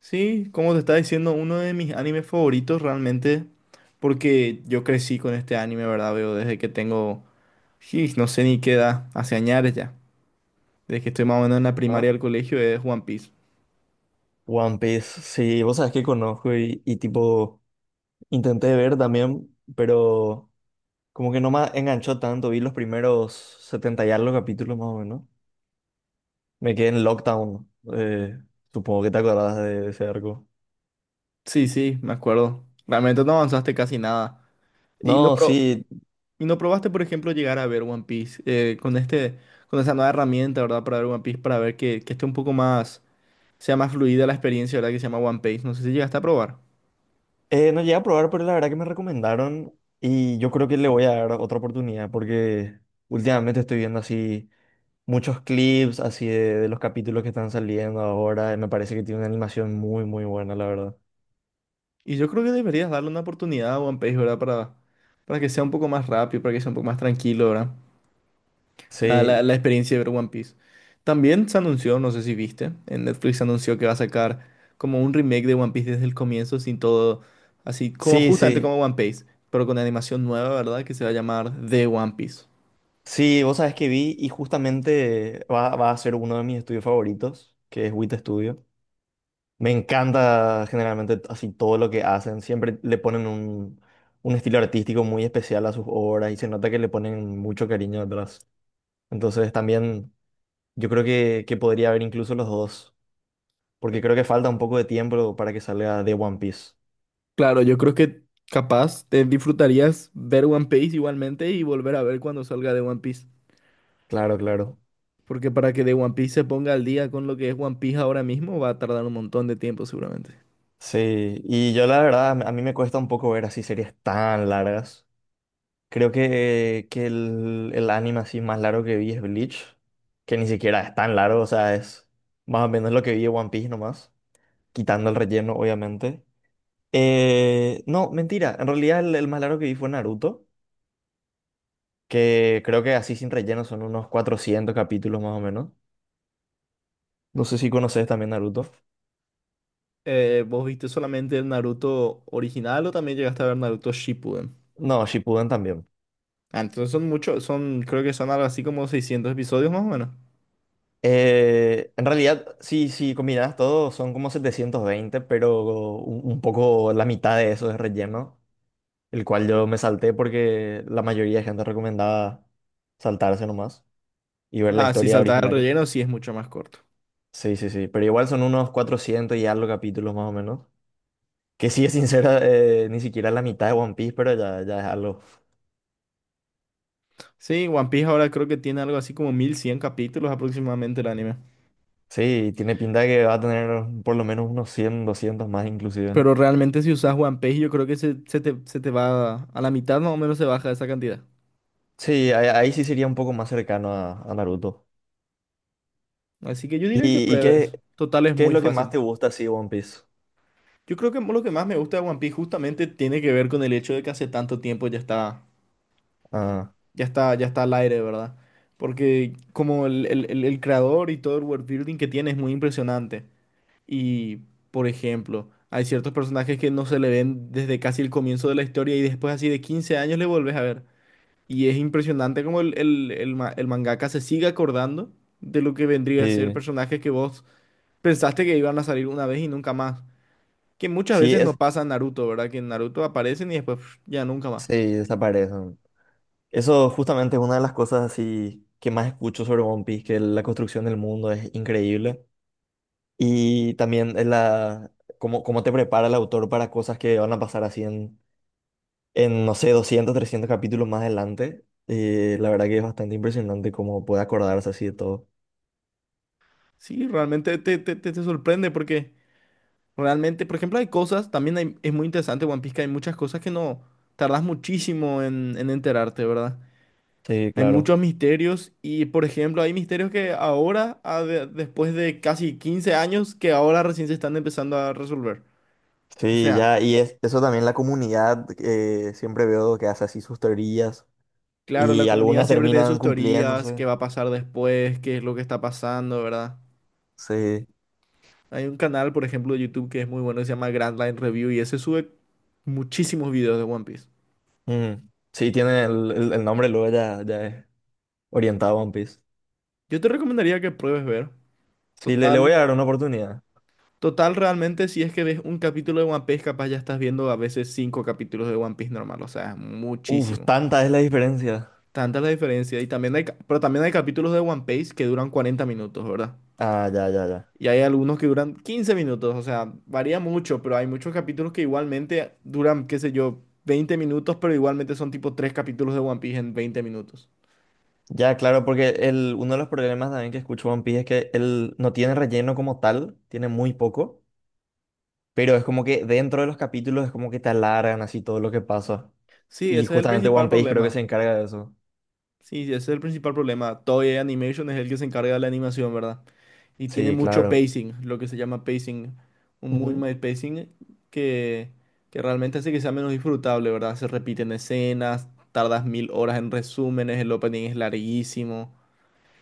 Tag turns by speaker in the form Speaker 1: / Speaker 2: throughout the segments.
Speaker 1: Sí, como te estaba diciendo, uno de mis animes favoritos realmente, porque yo crecí con este anime, ¿verdad? Veo desde que tengo, sí, no sé ni qué edad, hace años ya, desde que estoy más o menos en la
Speaker 2: Ah,
Speaker 1: primaria del colegio, es One Piece.
Speaker 2: One Piece, sí, vos sabés que conozco y tipo intenté ver también, pero como que no me enganchó tanto, vi los primeros 70 y algo capítulos más o menos. Me quedé en Lockdown, eh, supongo que te acordás de ese arco.
Speaker 1: Sí, sí, me acuerdo. Realmente no avanzaste casi nada. Y no,
Speaker 2: No, sí,
Speaker 1: y no probaste, por ejemplo, llegar a ver One Piece con este, con esa nueva herramienta, ¿verdad? Para ver One Piece, para ver que esté un poco más, sea más fluida la experiencia, ¿verdad? Que se llama One Piece. No sé si llegaste a probar.
Speaker 2: no llegué a probar, pero la verdad que me recomendaron y yo creo que le voy a dar otra oportunidad porque últimamente estoy viendo así muchos clips así de los capítulos que están saliendo ahora y me parece que tiene una animación muy, muy buena, la verdad.
Speaker 1: Y yo creo que deberías darle una oportunidad a One Piece, ¿verdad? Para que sea un poco más rápido, para que sea un poco más tranquilo, ¿verdad? La, la-
Speaker 2: Sí,
Speaker 1: la experiencia de ver One Piece. También se anunció, no sé si viste, en Netflix se anunció que va a sacar como un remake de One Piece desde el comienzo, sin todo, así como
Speaker 2: sí,
Speaker 1: justamente
Speaker 2: sí.
Speaker 1: como One Piece, pero con animación nueva, ¿verdad? Que se va a llamar The One Piece.
Speaker 2: Sí, vos sabés que vi y justamente va a ser uno de mis estudios favoritos, que es WIT Studio. Me encanta generalmente así todo lo que hacen. Siempre le ponen un estilo artístico muy especial a sus obras y se nota que le ponen mucho cariño detrás. Entonces también yo creo que podría haber incluso los dos, porque creo que falta un poco de tiempo para que salga de One Piece.
Speaker 1: Claro, yo creo que capaz te disfrutarías ver One Piece igualmente y volver a ver cuando salga de One Piece.
Speaker 2: Claro, claro.
Speaker 1: Porque para que de One Piece se ponga al día con lo que es One Piece ahora mismo, va a tardar un montón de tiempo seguramente.
Speaker 2: Sí, y yo la verdad, a mí me cuesta un poco ver así series tan largas. Creo que el anime así más largo que vi es Bleach, que ni siquiera es tan largo, o sea, es más o menos lo que vi de One Piece nomás, quitando el relleno, obviamente. No, mentira, en realidad el más largo que vi fue Naruto, que creo que así sin relleno son unos 400 capítulos más o menos. No sé si conoces también Naruto.
Speaker 1: ¿Vos viste solamente el Naruto original o también llegaste a ver Naruto Shippuden?
Speaker 2: No, Shippuden también.
Speaker 1: Ah, entonces son muchos, son, creo que son algo así como 600 episodios más o menos.
Speaker 2: En realidad, sí, sí, combinadas todo, son como 720 pero un poco la mitad de eso es relleno. El cual yo me salté porque la mayoría de gente recomendaba saltarse nomás y ver la
Speaker 1: Ah, si
Speaker 2: historia
Speaker 1: saltas el
Speaker 2: original.
Speaker 1: relleno, sí es mucho más corto.
Speaker 2: Sí, sí, sí, pero igual son unos 400 y algo capítulos más o menos. Que sí, es sincera, ni siquiera la mitad de One Piece, pero ya, ya es algo.
Speaker 1: Sí, One Piece ahora creo que tiene algo así como 1100 capítulos aproximadamente el anime.
Speaker 2: Sí, tiene pinta de que va a tener por lo menos unos 100 200 más inclusive.
Speaker 1: Pero realmente si usas One Piece yo creo que se te va a la mitad más o menos se baja esa cantidad.
Speaker 2: Sí, ahí sí sería un poco más cercano a Naruto.
Speaker 1: Así que yo diría que
Speaker 2: ¿Y qué,
Speaker 1: pruebes. Total es
Speaker 2: qué es
Speaker 1: muy
Speaker 2: lo que más
Speaker 1: fácil.
Speaker 2: te gusta así de One Piece?
Speaker 1: Yo creo que lo que más me gusta de One Piece justamente tiene que ver con el hecho de que hace tanto tiempo ya está,
Speaker 2: Ah,
Speaker 1: ya está al aire, ¿verdad? Porque como el creador y todo el world building que tiene es muy impresionante. Y, por ejemplo, hay ciertos personajes que no se le ven desde casi el comienzo de la historia y después así de 15 años le volvés a ver. Y es impresionante como el mangaka se sigue acordando de lo que vendría a ser
Speaker 2: sí,
Speaker 1: personajes que vos pensaste que iban a salir una vez y nunca más. Que muchas
Speaker 2: sí,
Speaker 1: veces no
Speaker 2: es,
Speaker 1: pasa en Naruto, ¿verdad? Que en Naruto aparecen y después pf, ya nunca más.
Speaker 2: sí, desaparece. Eso justamente es una de las cosas así que más escucho sobre One Piece, que la construcción del mundo es increíble. Y también es cómo te prepara el autor para cosas que van a pasar así en no sé, 200 300 capítulos más adelante. La verdad que es bastante impresionante cómo puede acordarse así de todo.
Speaker 1: Sí, realmente te sorprende porque realmente, por ejemplo, hay cosas, también es muy interesante One Piece que hay muchas cosas que no tardas muchísimo en enterarte, ¿verdad?
Speaker 2: Sí,
Speaker 1: Hay
Speaker 2: claro.
Speaker 1: muchos misterios y, por ejemplo, hay misterios que ahora, después de casi 15 años, que ahora recién se están empezando a resolver. O
Speaker 2: Sí,
Speaker 1: sea,
Speaker 2: ya, y eso también la comunidad, siempre veo que hace así sus teorías
Speaker 1: claro, la
Speaker 2: y
Speaker 1: comunidad
Speaker 2: algunas
Speaker 1: siempre tiene
Speaker 2: terminan
Speaker 1: sus teorías, qué
Speaker 2: cumpliéndose.
Speaker 1: va a pasar después, qué es lo que está pasando, ¿verdad?
Speaker 2: Sí.
Speaker 1: Hay un canal, por ejemplo, de YouTube que es muy bueno, que se llama Grand Line Review y ese sube muchísimos videos de One Piece.
Speaker 2: Mm, sí, tiene el nombre, luego ya, ya es orientado a One Piece.
Speaker 1: Yo te recomendaría que pruebes ver.
Speaker 2: Sí, le voy
Speaker 1: Total,
Speaker 2: a dar una oportunidad.
Speaker 1: Total, realmente, si es que ves un capítulo de One Piece, capaz ya estás viendo a veces 5 capítulos de One Piece normal, o sea, es
Speaker 2: Uf,
Speaker 1: muchísimo.
Speaker 2: tanta es la diferencia.
Speaker 1: Tanta la diferencia. Y también pero también hay capítulos de One Piece que duran 40 minutos, ¿verdad?
Speaker 2: Ah, ya, ya, ya.
Speaker 1: Y hay algunos que duran 15 minutos. O sea, varía mucho, pero hay muchos capítulos que igualmente duran, qué sé yo, 20 minutos, pero igualmente son tipo tres capítulos de One Piece en 20 minutos.
Speaker 2: Ya, claro, porque uno de los problemas también que escucho One Piece es que él no tiene relleno como tal, tiene muy poco, pero es como que dentro de los capítulos es como que te alargan así todo lo que pasa.
Speaker 1: Sí,
Speaker 2: Y
Speaker 1: ese es el
Speaker 2: justamente
Speaker 1: principal
Speaker 2: One Piece creo que se
Speaker 1: problema.
Speaker 2: encarga de eso.
Speaker 1: Sí, sí, ese es el principal problema. Toei Animation es el que se encarga de la animación, ¿verdad? Y tiene
Speaker 2: Sí,
Speaker 1: mucho
Speaker 2: claro.
Speaker 1: pacing, lo que se llama pacing, un muy
Speaker 2: Ujú.
Speaker 1: mal pacing que, que realmente hace que sea menos disfrutable, ¿verdad? Se repiten escenas, tardas mil horas en resúmenes, el opening es larguísimo.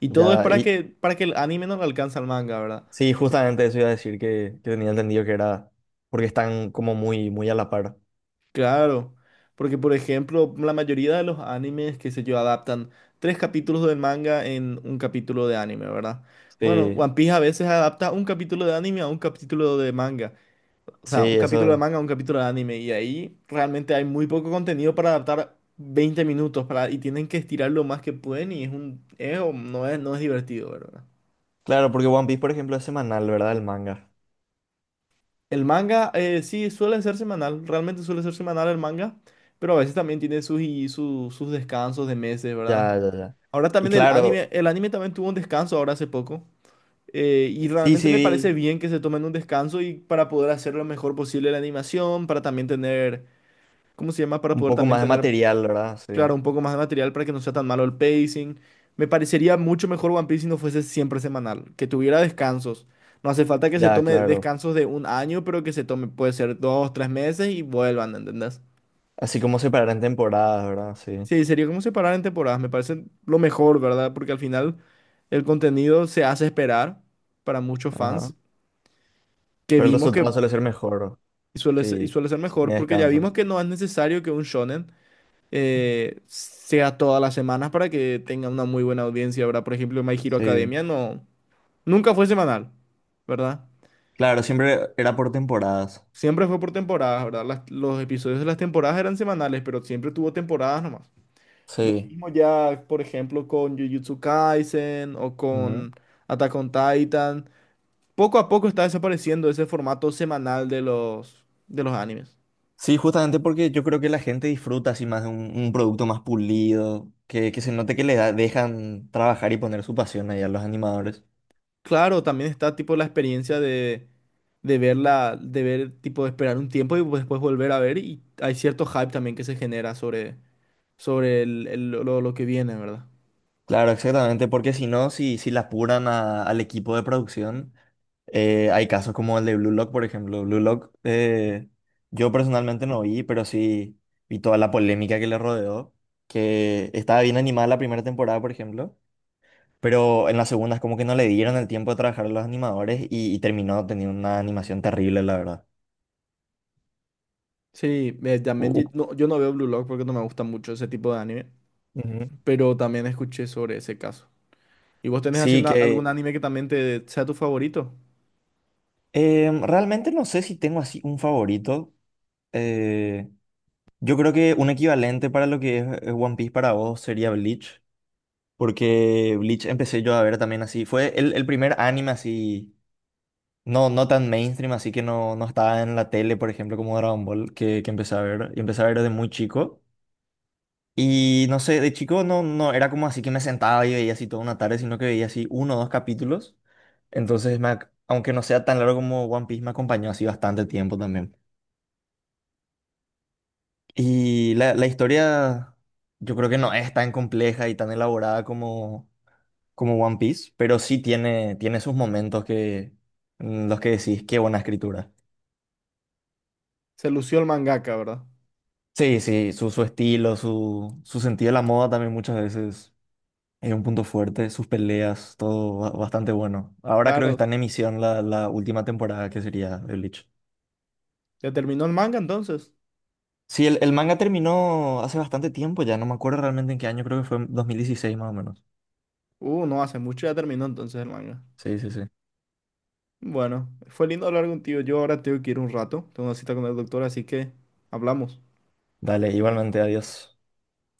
Speaker 1: Y todo es
Speaker 2: Ya, y
Speaker 1: para que el anime no le alcance al manga, ¿verdad?
Speaker 2: sí, justamente eso iba a decir que tenía entendido que era porque están como muy, muy a la par.
Speaker 1: Claro, porque por ejemplo, la mayoría de los animes que se yo adaptan tres capítulos del manga en un capítulo de anime, ¿verdad? Bueno, One
Speaker 2: Sí,
Speaker 1: Piece a veces adapta un capítulo de anime a un capítulo de manga, o
Speaker 2: sí,
Speaker 1: sea, un capítulo de
Speaker 2: eso.
Speaker 1: manga a un capítulo de anime, y ahí realmente hay muy poco contenido para adaptar 20 minutos para, y tienen que estirar lo más que pueden y es un, es, o no es, no es divertido, ¿verdad?
Speaker 2: Claro, porque One Piece, por ejemplo, es semanal, ¿verdad? El manga.
Speaker 1: El manga, sí, suele ser semanal, realmente suele ser semanal el manga, pero a veces también tiene sus, y sus descansos de meses, ¿verdad?
Speaker 2: Ya, ya, ya.
Speaker 1: Ahora
Speaker 2: Y
Speaker 1: también
Speaker 2: claro,
Speaker 1: el anime también tuvo un descanso ahora hace poco, y
Speaker 2: sí,
Speaker 1: realmente
Speaker 2: sí,
Speaker 1: me parece
Speaker 2: vi
Speaker 1: bien que se tomen un descanso y para poder hacer lo mejor posible la animación, para también tener, ¿cómo se llama? Para
Speaker 2: un
Speaker 1: poder
Speaker 2: poco
Speaker 1: también
Speaker 2: más de
Speaker 1: tener
Speaker 2: material, ¿verdad? Sí.
Speaker 1: Claro, un poco más de material para que no sea tan malo el pacing. Me parecería mucho mejor One Piece si no fuese siempre semanal, que tuviera descansos. No hace falta que se
Speaker 2: Ya,
Speaker 1: tome
Speaker 2: claro.
Speaker 1: descansos de un año, pero que se tome, puede ser dos, tres meses y vuelvan, ¿entendés?
Speaker 2: Así como separar en temporadas, ¿verdad? Sí.
Speaker 1: Sí, sería como separar en temporadas, me parece lo mejor, ¿verdad? Porque al final el contenido se hace esperar para muchos
Speaker 2: Ajá.
Speaker 1: fans, que
Speaker 2: Pero el
Speaker 1: vimos que
Speaker 2: resultado suele ser mejor.
Speaker 1: suele ser, y
Speaker 2: Sí,
Speaker 1: suele ser
Speaker 2: si
Speaker 1: mejor,
Speaker 2: tiene
Speaker 1: porque ya
Speaker 2: descanso.
Speaker 1: vimos que no es necesario que un shonen sea todas las semanas para que tenga una muy buena audiencia, ¿verdad? Por ejemplo, My Hero
Speaker 2: Sí.
Speaker 1: Academia no, nunca fue semanal, ¿verdad?
Speaker 2: Claro, siempre era por temporadas.
Speaker 1: Siempre fue por temporadas, ¿verdad? Los episodios de las temporadas eran semanales, pero siempre tuvo temporadas nomás. Lo
Speaker 2: Sí.
Speaker 1: mismo ya, por ejemplo, con Jujutsu Kaisen o
Speaker 2: Ujú.
Speaker 1: con Attack on Titan. Poco a poco está desapareciendo ese formato semanal de de los animes.
Speaker 2: Sí, justamente porque yo creo que la gente disfruta así más de un producto más pulido, que se note que le dejan trabajar y poner su pasión ahí a los animadores.
Speaker 1: Claro, también está tipo la experiencia de verla, de ver, tipo, esperar un tiempo y pues, después volver a ver. Y hay cierto hype también que se genera sobre, sobre lo que viene, ¿verdad?
Speaker 2: Claro, exactamente, porque si no, si la apuran al equipo de producción, hay casos como el de Blue Lock, por ejemplo. Blue Lock, yo personalmente no vi, pero sí vi toda la polémica que le rodeó, que estaba bien animada la primera temporada, por ejemplo, pero en la segunda es como que no le dieron el tiempo de trabajar a los animadores y terminó teniendo una animación terrible, la verdad.
Speaker 1: Sí,
Speaker 2: U-
Speaker 1: también
Speaker 2: u-
Speaker 1: no, yo no veo Blue Lock porque no me gusta mucho ese tipo de anime,
Speaker 2: Ujú.
Speaker 1: pero también escuché sobre ese caso. ¿Y vos tenés así
Speaker 2: Sí, que
Speaker 1: algún anime que también te sea tu favorito?
Speaker 2: realmente no sé si tengo así un favorito. eh, Yo creo que un equivalente para lo que es One Piece para vos sería Bleach, porque Bleach empecé yo a ver también así. Fue el primer anime así, no, no tan mainstream, así que no, no estaba en la tele, por ejemplo, como Dragon Ball, que empecé a ver. Y empecé a ver desde muy chico. Y no sé, de chico no, no era como así que me sentaba y veía así toda una tarde, sino que veía así uno o dos capítulos. Entonces, aunque no sea tan largo como One Piece, me acompañó así bastante tiempo también. Y la historia yo creo que no es tan compleja y tan elaborada como One Piece, pero sí tiene sus momentos en los que decís, qué buena escritura.
Speaker 1: Se lució el mangaka, ¿verdad?
Speaker 2: Sí, sí, su estilo, su sentido de la moda también muchas veces es un punto fuerte, sus peleas, todo bastante bueno. Ahora creo que
Speaker 1: Claro.
Speaker 2: está en emisión la última temporada que sería de Bleach.
Speaker 1: ¿Ya terminó el manga entonces?
Speaker 2: Sí, el manga terminó hace bastante tiempo ya, no me acuerdo realmente en qué año, creo que fue en 2016 más o menos.
Speaker 1: No hace mucho ya terminó entonces el manga.
Speaker 2: Sí, sí, sí.
Speaker 1: Bueno, fue lindo hablar contigo. Yo ahora tengo que ir un rato. Tengo una cita con el doctor, así que hablamos.
Speaker 2: Dale, igualmente, adiós.